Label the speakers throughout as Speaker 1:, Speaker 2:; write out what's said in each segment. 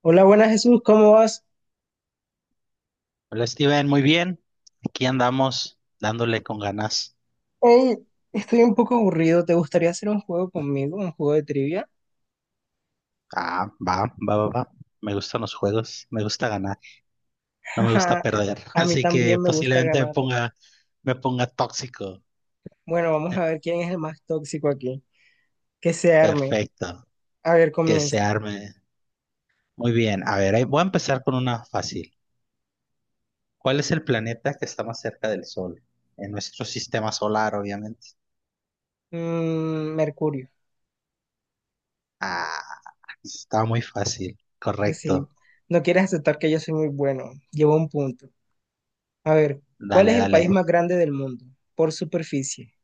Speaker 1: Hola, buenas Jesús, ¿cómo vas?
Speaker 2: Hola Steven, muy bien. Aquí andamos dándole con ganas.
Speaker 1: Hey, estoy un poco aburrido, ¿te gustaría hacer un juego conmigo, un juego de trivia?
Speaker 2: Ah, va, va, va, va. Me gustan los juegos, me gusta ganar, no me gusta
Speaker 1: Ajá.
Speaker 2: perder.
Speaker 1: A mí
Speaker 2: Así que
Speaker 1: también me gusta
Speaker 2: posiblemente me
Speaker 1: ganar.
Speaker 2: ponga, me ponga tóxico.
Speaker 1: Bueno, vamos a ver quién es el más tóxico aquí. Que se arme.
Speaker 2: Perfecto,
Speaker 1: A ver,
Speaker 2: que se
Speaker 1: comienza.
Speaker 2: arme. Muy bien, a ver, ahí voy a empezar con una fácil. ¿Cuál es el planeta que está más cerca del Sol? En nuestro sistema solar, obviamente.
Speaker 1: Mercurio,
Speaker 2: Ah, está muy fácil,
Speaker 1: que sí.
Speaker 2: correcto.
Speaker 1: No quieres aceptar que yo soy muy bueno. Llevo un punto. A ver, ¿cuál es
Speaker 2: Dale,
Speaker 1: el país
Speaker 2: dale.
Speaker 1: más grande del mundo? Por superficie.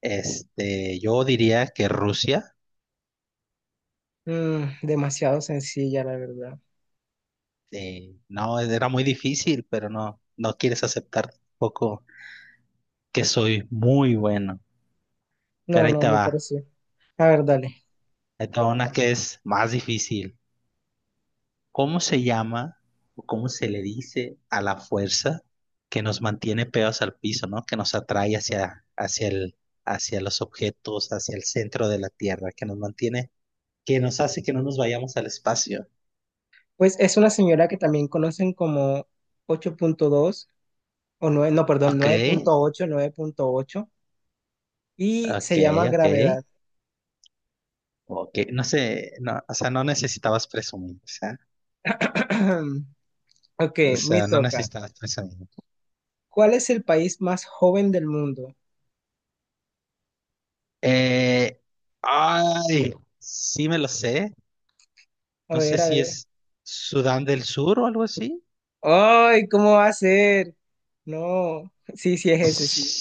Speaker 2: Yo diría que Rusia.
Speaker 1: Demasiado sencilla, la verdad.
Speaker 2: Sí, no, era muy difícil, pero no, no quieres aceptar tampoco que soy muy bueno. Pero
Speaker 1: No,
Speaker 2: ahí
Speaker 1: no,
Speaker 2: te
Speaker 1: me
Speaker 2: va.
Speaker 1: pareció. A ver, dale.
Speaker 2: Ahí te va una que es más difícil. ¿Cómo se llama o cómo se le dice a la fuerza que nos mantiene pegados al piso, ¿no? Que nos atrae hacia los objetos, hacia el centro de la Tierra, que nos mantiene, que nos hace que no nos vayamos al espacio.
Speaker 1: Pues es una señora que también conocen como 8,2 o 9 no, perdón,
Speaker 2: Ok,
Speaker 1: nueve punto ocho 9,8 y
Speaker 2: ok,
Speaker 1: se llama
Speaker 2: ok.
Speaker 1: gravedad.
Speaker 2: Ok, no sé, no, o sea, no necesitabas presumir. O sea,
Speaker 1: Ok,
Speaker 2: O
Speaker 1: me
Speaker 2: sea, no
Speaker 1: toca.
Speaker 2: necesitas pensamiento.
Speaker 1: ¿Cuál es el país más joven del mundo?
Speaker 2: Eh, ay, sí me lo sé.
Speaker 1: A
Speaker 2: No sé
Speaker 1: ver, a
Speaker 2: si es
Speaker 1: ver.
Speaker 2: Sudán del Sur o algo así.
Speaker 1: ¡Ay, cómo va a ser! No, sí, sí es ese, sí.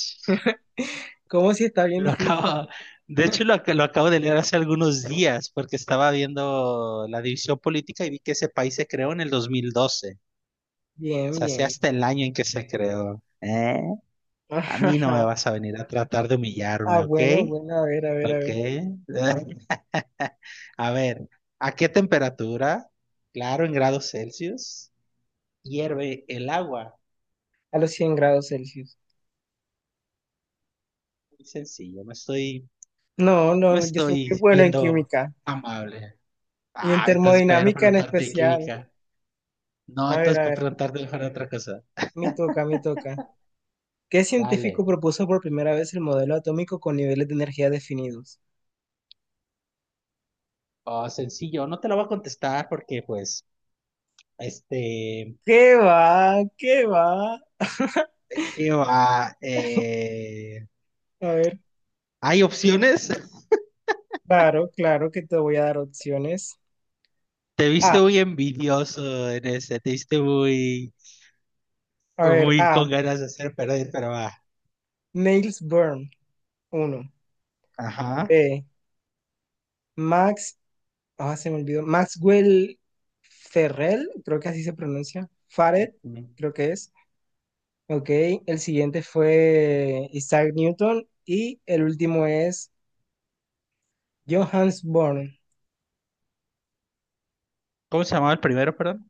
Speaker 1: ¿Cómo si está bien
Speaker 2: Lo
Speaker 1: difícil?
Speaker 2: acabo, de hecho, lo acabo de leer hace algunos días porque estaba viendo la división política y vi que ese país se creó en el 2012. O
Speaker 1: Bien,
Speaker 2: sea, sé
Speaker 1: bien.
Speaker 2: hasta el año en que se creó. ¿Eh? A mí no me vas a venir a tratar de
Speaker 1: Ah,
Speaker 2: humillarme, ¿ok?
Speaker 1: bueno, bueno, a ver, a ver, a
Speaker 2: ¿Ok?
Speaker 1: ver.
Speaker 2: A ver, ¿a qué temperatura, claro, en grados Celsius, hierve el agua?
Speaker 1: A los 100 grados Celsius.
Speaker 2: Muy sencillo, no estoy,
Speaker 1: No, no,
Speaker 2: no
Speaker 1: no, yo soy muy
Speaker 2: estoy
Speaker 1: bueno en
Speaker 2: viendo
Speaker 1: química
Speaker 2: amable.
Speaker 1: y en
Speaker 2: Ah, entonces para ya no
Speaker 1: termodinámica en
Speaker 2: preguntarte de
Speaker 1: especial.
Speaker 2: química. No, entonces
Speaker 1: A
Speaker 2: para
Speaker 1: ver,
Speaker 2: preguntarte mejor de otra cosa.
Speaker 1: me toca, me toca. ¿Qué científico
Speaker 2: Dale.
Speaker 1: propuso por primera vez el modelo atómico con niveles de energía definidos?
Speaker 2: Oh, sencillo, no te lo voy a contestar porque pues, este,
Speaker 1: ¿Qué va? ¿Qué va?
Speaker 2: ¿qué va? Eh,
Speaker 1: A ver,
Speaker 2: ¿hay opciones?
Speaker 1: claro, claro que te voy a dar opciones.
Speaker 2: Te viste
Speaker 1: A,
Speaker 2: muy envidioso en ese,
Speaker 1: a ver,
Speaker 2: muy
Speaker 1: A,
Speaker 2: con ganas de hacer perder, pero va.
Speaker 1: Niels Bohr, uno.
Speaker 2: Ajá.
Speaker 1: B, Max, ah, se me olvidó, Maxwell Ferrell, creo que así se pronuncia. Farad, creo que es. Ok, el siguiente fue Isaac Newton y el último es Johannes Born.
Speaker 2: ¿Cómo se llamaba el primero, perdón?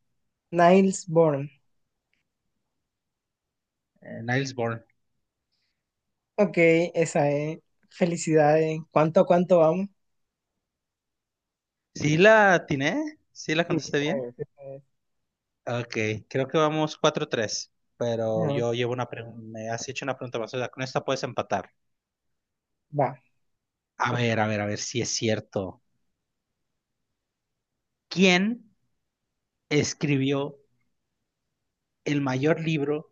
Speaker 1: Niles Born.
Speaker 2: Niels Bohr.
Speaker 1: Ok, esa es. Felicidades. ¿Cuánto a cuánto vamos?
Speaker 2: ¿Sí la atiné? ¿Sí la
Speaker 1: Sí,
Speaker 2: contesté
Speaker 1: esa
Speaker 2: bien?
Speaker 1: es, esa es.
Speaker 2: Ok, creo que vamos 4-3, pero
Speaker 1: Ajá.
Speaker 2: yo llevo una pregunta, me has hecho una pregunta más, o sea, con esta puedes empatar.
Speaker 1: Va.
Speaker 2: A ver, a ver, a ver si es cierto. ¿Quién escribió el mayor libro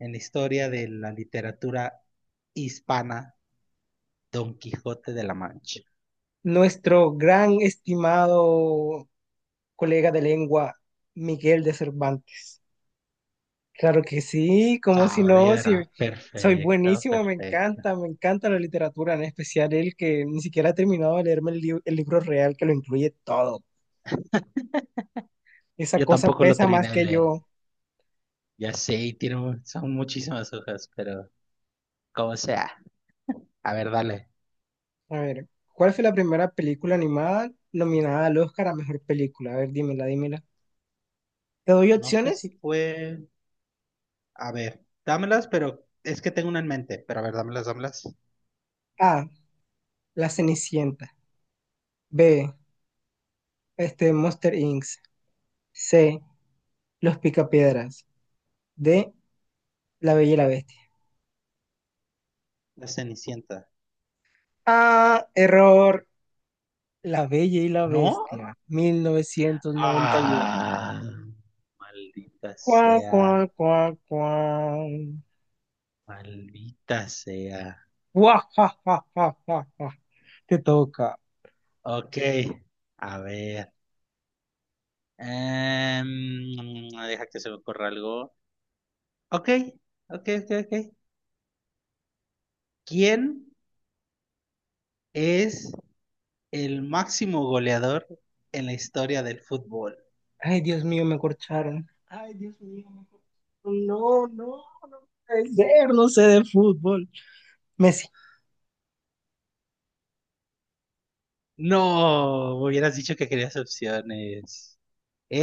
Speaker 2: en la historia de la literatura hispana, Don Quijote de la Mancha?
Speaker 1: Nuestro gran estimado colega de lengua, Miguel de Cervantes. Claro que sí, como si no, si
Speaker 2: Saavedra,
Speaker 1: soy
Speaker 2: perfecto,
Speaker 1: buenísimo,
Speaker 2: perfecto.
Speaker 1: me encanta la literatura, en especial el que ni siquiera ha terminado de leerme el libro real que lo incluye todo. Esa
Speaker 2: Yo
Speaker 1: cosa
Speaker 2: tampoco lo
Speaker 1: pesa más
Speaker 2: terminé de
Speaker 1: que
Speaker 2: leer.
Speaker 1: yo.
Speaker 2: Ya sé, y son muchísimas hojas, pero como sea. A ver, dale.
Speaker 1: A ver, ¿cuál fue la primera película animada nominada al Oscar a mejor película? A ver, dímela, dímela. Te doy
Speaker 2: No sé si
Speaker 1: opciones.
Speaker 2: fue. A ver, dámelas, pero es que tengo una en mente. Pero a ver, dámelas, dámelas.
Speaker 1: A. La Cenicienta. B. Monster Inc. C. Los Picapiedras. D. La Bella y la Bestia.
Speaker 2: La Cenicienta.
Speaker 1: Ah, error. La Bella y la
Speaker 2: ¿No?
Speaker 1: Bestia. 1991.
Speaker 2: Ah, ah, maldita
Speaker 1: Cuá,
Speaker 2: sea,
Speaker 1: cuá, cuá, cuá.
Speaker 2: maldita sea.
Speaker 1: Guau, ja, ja, ja, ja, ja. Te toca.
Speaker 2: Ok, a ver. Deja que se me ocurra algo. Ok, ok, ok, ok. ¿Quién es el máximo goleador en la historia del fútbol?
Speaker 1: Ay, Dios mío, me corcharon. Ay, Dios mío, me corcharon. No, no, puede ser, no sé de fútbol. Messi,
Speaker 2: No, me hubieras dicho que querías opciones.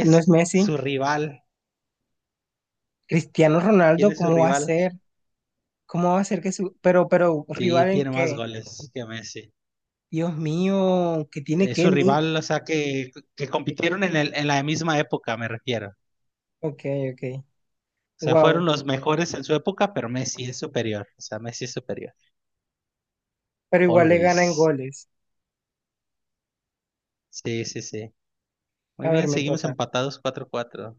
Speaker 1: no es Messi.
Speaker 2: su rival.
Speaker 1: Cristiano
Speaker 2: ¿Quién
Speaker 1: Ronaldo,
Speaker 2: es su
Speaker 1: ¿cómo va a
Speaker 2: rival?
Speaker 1: ser? ¿Cómo va a ser que su... Pero,
Speaker 2: Sí,
Speaker 1: rival en
Speaker 2: tiene más
Speaker 1: qué?
Speaker 2: goles que Messi.
Speaker 1: Dios mío, que tiene
Speaker 2: Es
Speaker 1: que
Speaker 2: su
Speaker 1: mí.
Speaker 2: rival, o sea, que compitieron en la misma época, me refiero.
Speaker 1: Ok, ok.
Speaker 2: O sea, fueron
Speaker 1: Wow.
Speaker 2: los mejores en su época, pero Messi es superior. O sea, Messi es superior.
Speaker 1: Pero igual le gana en
Speaker 2: Always.
Speaker 1: goles.
Speaker 2: Sí, sí, sí. Muy
Speaker 1: A ver,
Speaker 2: bien,
Speaker 1: me
Speaker 2: seguimos
Speaker 1: toca.
Speaker 2: empatados 4-4.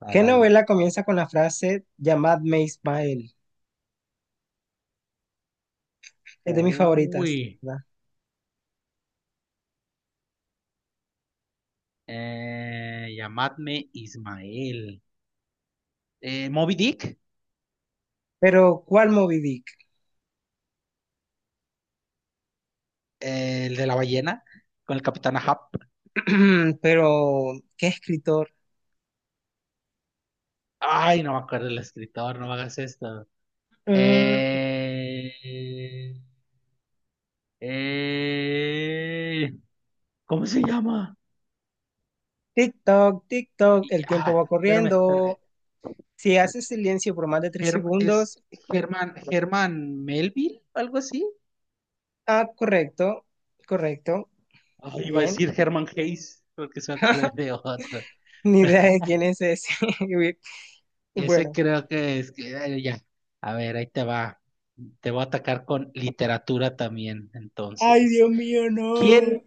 Speaker 2: Ah,
Speaker 1: ¿Qué
Speaker 2: dale.
Speaker 1: novela comienza con la frase llamadme Ismael? Es de mis favoritas,
Speaker 2: Uy.
Speaker 1: ¿verdad?
Speaker 2: Llamadme Ismael. Moby Dick,
Speaker 1: Pero, ¿cuál Moby Dick?
Speaker 2: el de la ballena, con el capitán Ahab.
Speaker 1: Pero, ¿qué escritor?
Speaker 2: Ay, no me acuerdo el escritor, no me hagas esto.
Speaker 1: Mm,
Speaker 2: Eh, eh, ¿cómo se llama?
Speaker 1: TikTok, TikTok, el tiempo
Speaker 2: Ah,
Speaker 1: va
Speaker 2: espérame, espérame.
Speaker 1: corriendo. Si haces silencio por más de tres
Speaker 2: Es
Speaker 1: segundos,
Speaker 2: Germán Melville, algo así.
Speaker 1: ah, correcto, correcto,
Speaker 2: Ay, iba a
Speaker 1: bien.
Speaker 2: decir Germán Hayes, porque se me acordé de otro.
Speaker 1: Ni idea de quién es ese.
Speaker 2: Ese
Speaker 1: Bueno,
Speaker 2: creo que es que ay, ya. A ver, ahí te va. Te voy a atacar con literatura también,
Speaker 1: ay,
Speaker 2: entonces.
Speaker 1: Dios mío, no.
Speaker 2: ¿Quién,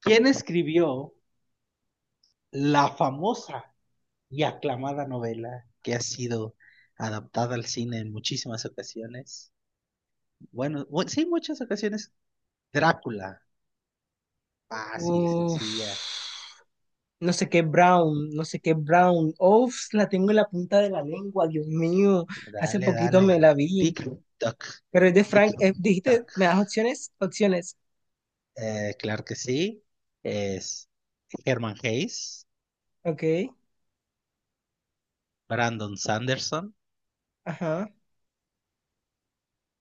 Speaker 2: quién escribió la famosa y aclamada novela que ha sido adaptada al cine en muchísimas ocasiones? Bueno, sí, muchas ocasiones. Drácula. Fácil,
Speaker 1: Uf,
Speaker 2: sencilla.
Speaker 1: no sé qué Brown, no sé qué Brown. Uf, la tengo en la punta de la lengua, Dios mío. Hace
Speaker 2: Dale,
Speaker 1: poquito
Speaker 2: dale.
Speaker 1: me la vi.
Speaker 2: Tic-tac.
Speaker 1: Pero es de Frank, dijiste,
Speaker 2: Tic-tac.
Speaker 1: ¿me das opciones? Opciones.
Speaker 2: Claro que sí. Es Herman Hesse,
Speaker 1: Ok,
Speaker 2: Brandon Sanderson,
Speaker 1: ajá.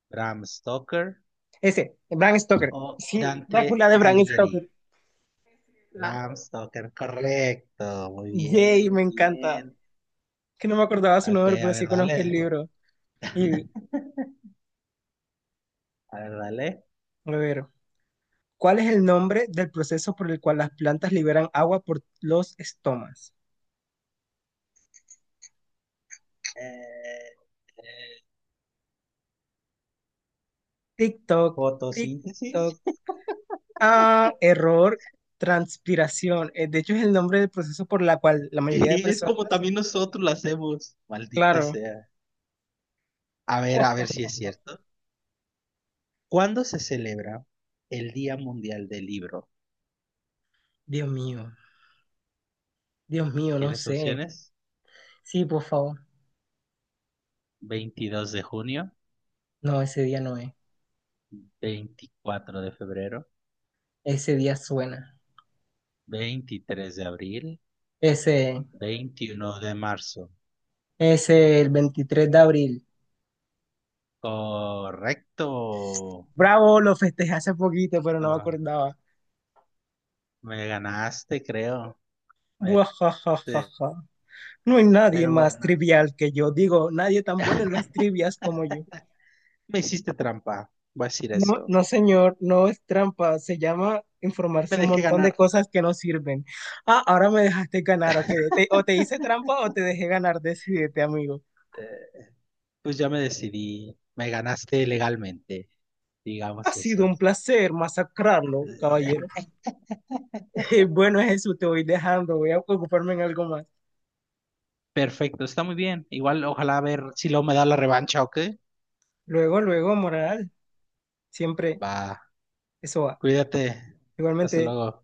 Speaker 2: Bram Stoker
Speaker 1: Ese, Bram Stoker.
Speaker 2: o
Speaker 1: Sí,
Speaker 2: Dante
Speaker 1: Drácula de Bram
Speaker 2: Alighieri.
Speaker 1: Stoker. Ah,
Speaker 2: Bram Stoker, correcto. Muy bien,
Speaker 1: Jay,
Speaker 2: muy
Speaker 1: me encanta.
Speaker 2: bien.
Speaker 1: Que no me acordaba su
Speaker 2: Ok,
Speaker 1: nombre,
Speaker 2: a
Speaker 1: pero
Speaker 2: ver,
Speaker 1: sí conozco el
Speaker 2: dale.
Speaker 1: libro. Y,
Speaker 2: A ver, dale.
Speaker 1: a ver, ¿cuál es el nombre del proceso por el cual las plantas liberan agua por los estomas?
Speaker 2: Eh,
Speaker 1: Tic-toc,
Speaker 2: fotosíntesis.
Speaker 1: tic-toc. Ah, error, transpiración. De hecho, es el nombre del proceso por la cual la mayoría de
Speaker 2: Y es como
Speaker 1: personas,
Speaker 2: también nosotros lo hacemos, maldita
Speaker 1: claro.
Speaker 2: sea. A ver si es cierto. ¿Cuándo se celebra el Día Mundial del Libro?
Speaker 1: Dios mío, Dios mío, no
Speaker 2: ¿Quieres
Speaker 1: sé.
Speaker 2: opciones?
Speaker 1: Sí, por favor.
Speaker 2: 22 de junio,
Speaker 1: No, ese día no es.
Speaker 2: 24 de febrero,
Speaker 1: Ese día suena.
Speaker 2: 23 de abril,
Speaker 1: Ese,
Speaker 2: 21 de marzo.
Speaker 1: ese el 23 de abril.
Speaker 2: Correcto.
Speaker 1: Bravo, lo festejé hace poquito, pero no me
Speaker 2: Ah,
Speaker 1: acordaba.
Speaker 2: me ganaste, creo. Sí.
Speaker 1: Buajajajaja. No hay nadie
Speaker 2: Pero
Speaker 1: más
Speaker 2: bueno,
Speaker 1: trivial que yo. Digo, nadie tan bueno en las trivias como yo.
Speaker 2: me hiciste trampa. Voy a decir
Speaker 1: No,
Speaker 2: eso.
Speaker 1: no, señor, no es trampa. Se llama
Speaker 2: Me
Speaker 1: informarse un
Speaker 2: dejé
Speaker 1: montón de
Speaker 2: ganar.
Speaker 1: cosas que no sirven. Ah, ahora me dejaste ganar, ok. O te hice trampa o te dejé ganar. Decídete, amigo.
Speaker 2: Eh, pues ya me decidí. Me ganaste legalmente,
Speaker 1: Ha
Speaker 2: digamos
Speaker 1: sido
Speaker 2: eso.
Speaker 1: un placer masacrarlo,
Speaker 2: Eh,
Speaker 1: caballero. Bueno, Jesús, te voy dejando. Voy a ocuparme en algo más.
Speaker 2: Perfecto, está muy bien. Igual, ojalá a ver si luego me da la revancha o qué.
Speaker 1: Luego, luego, moral. Siempre
Speaker 2: Va,
Speaker 1: eso va.
Speaker 2: cuídate. Hasta
Speaker 1: Igualmente.
Speaker 2: luego.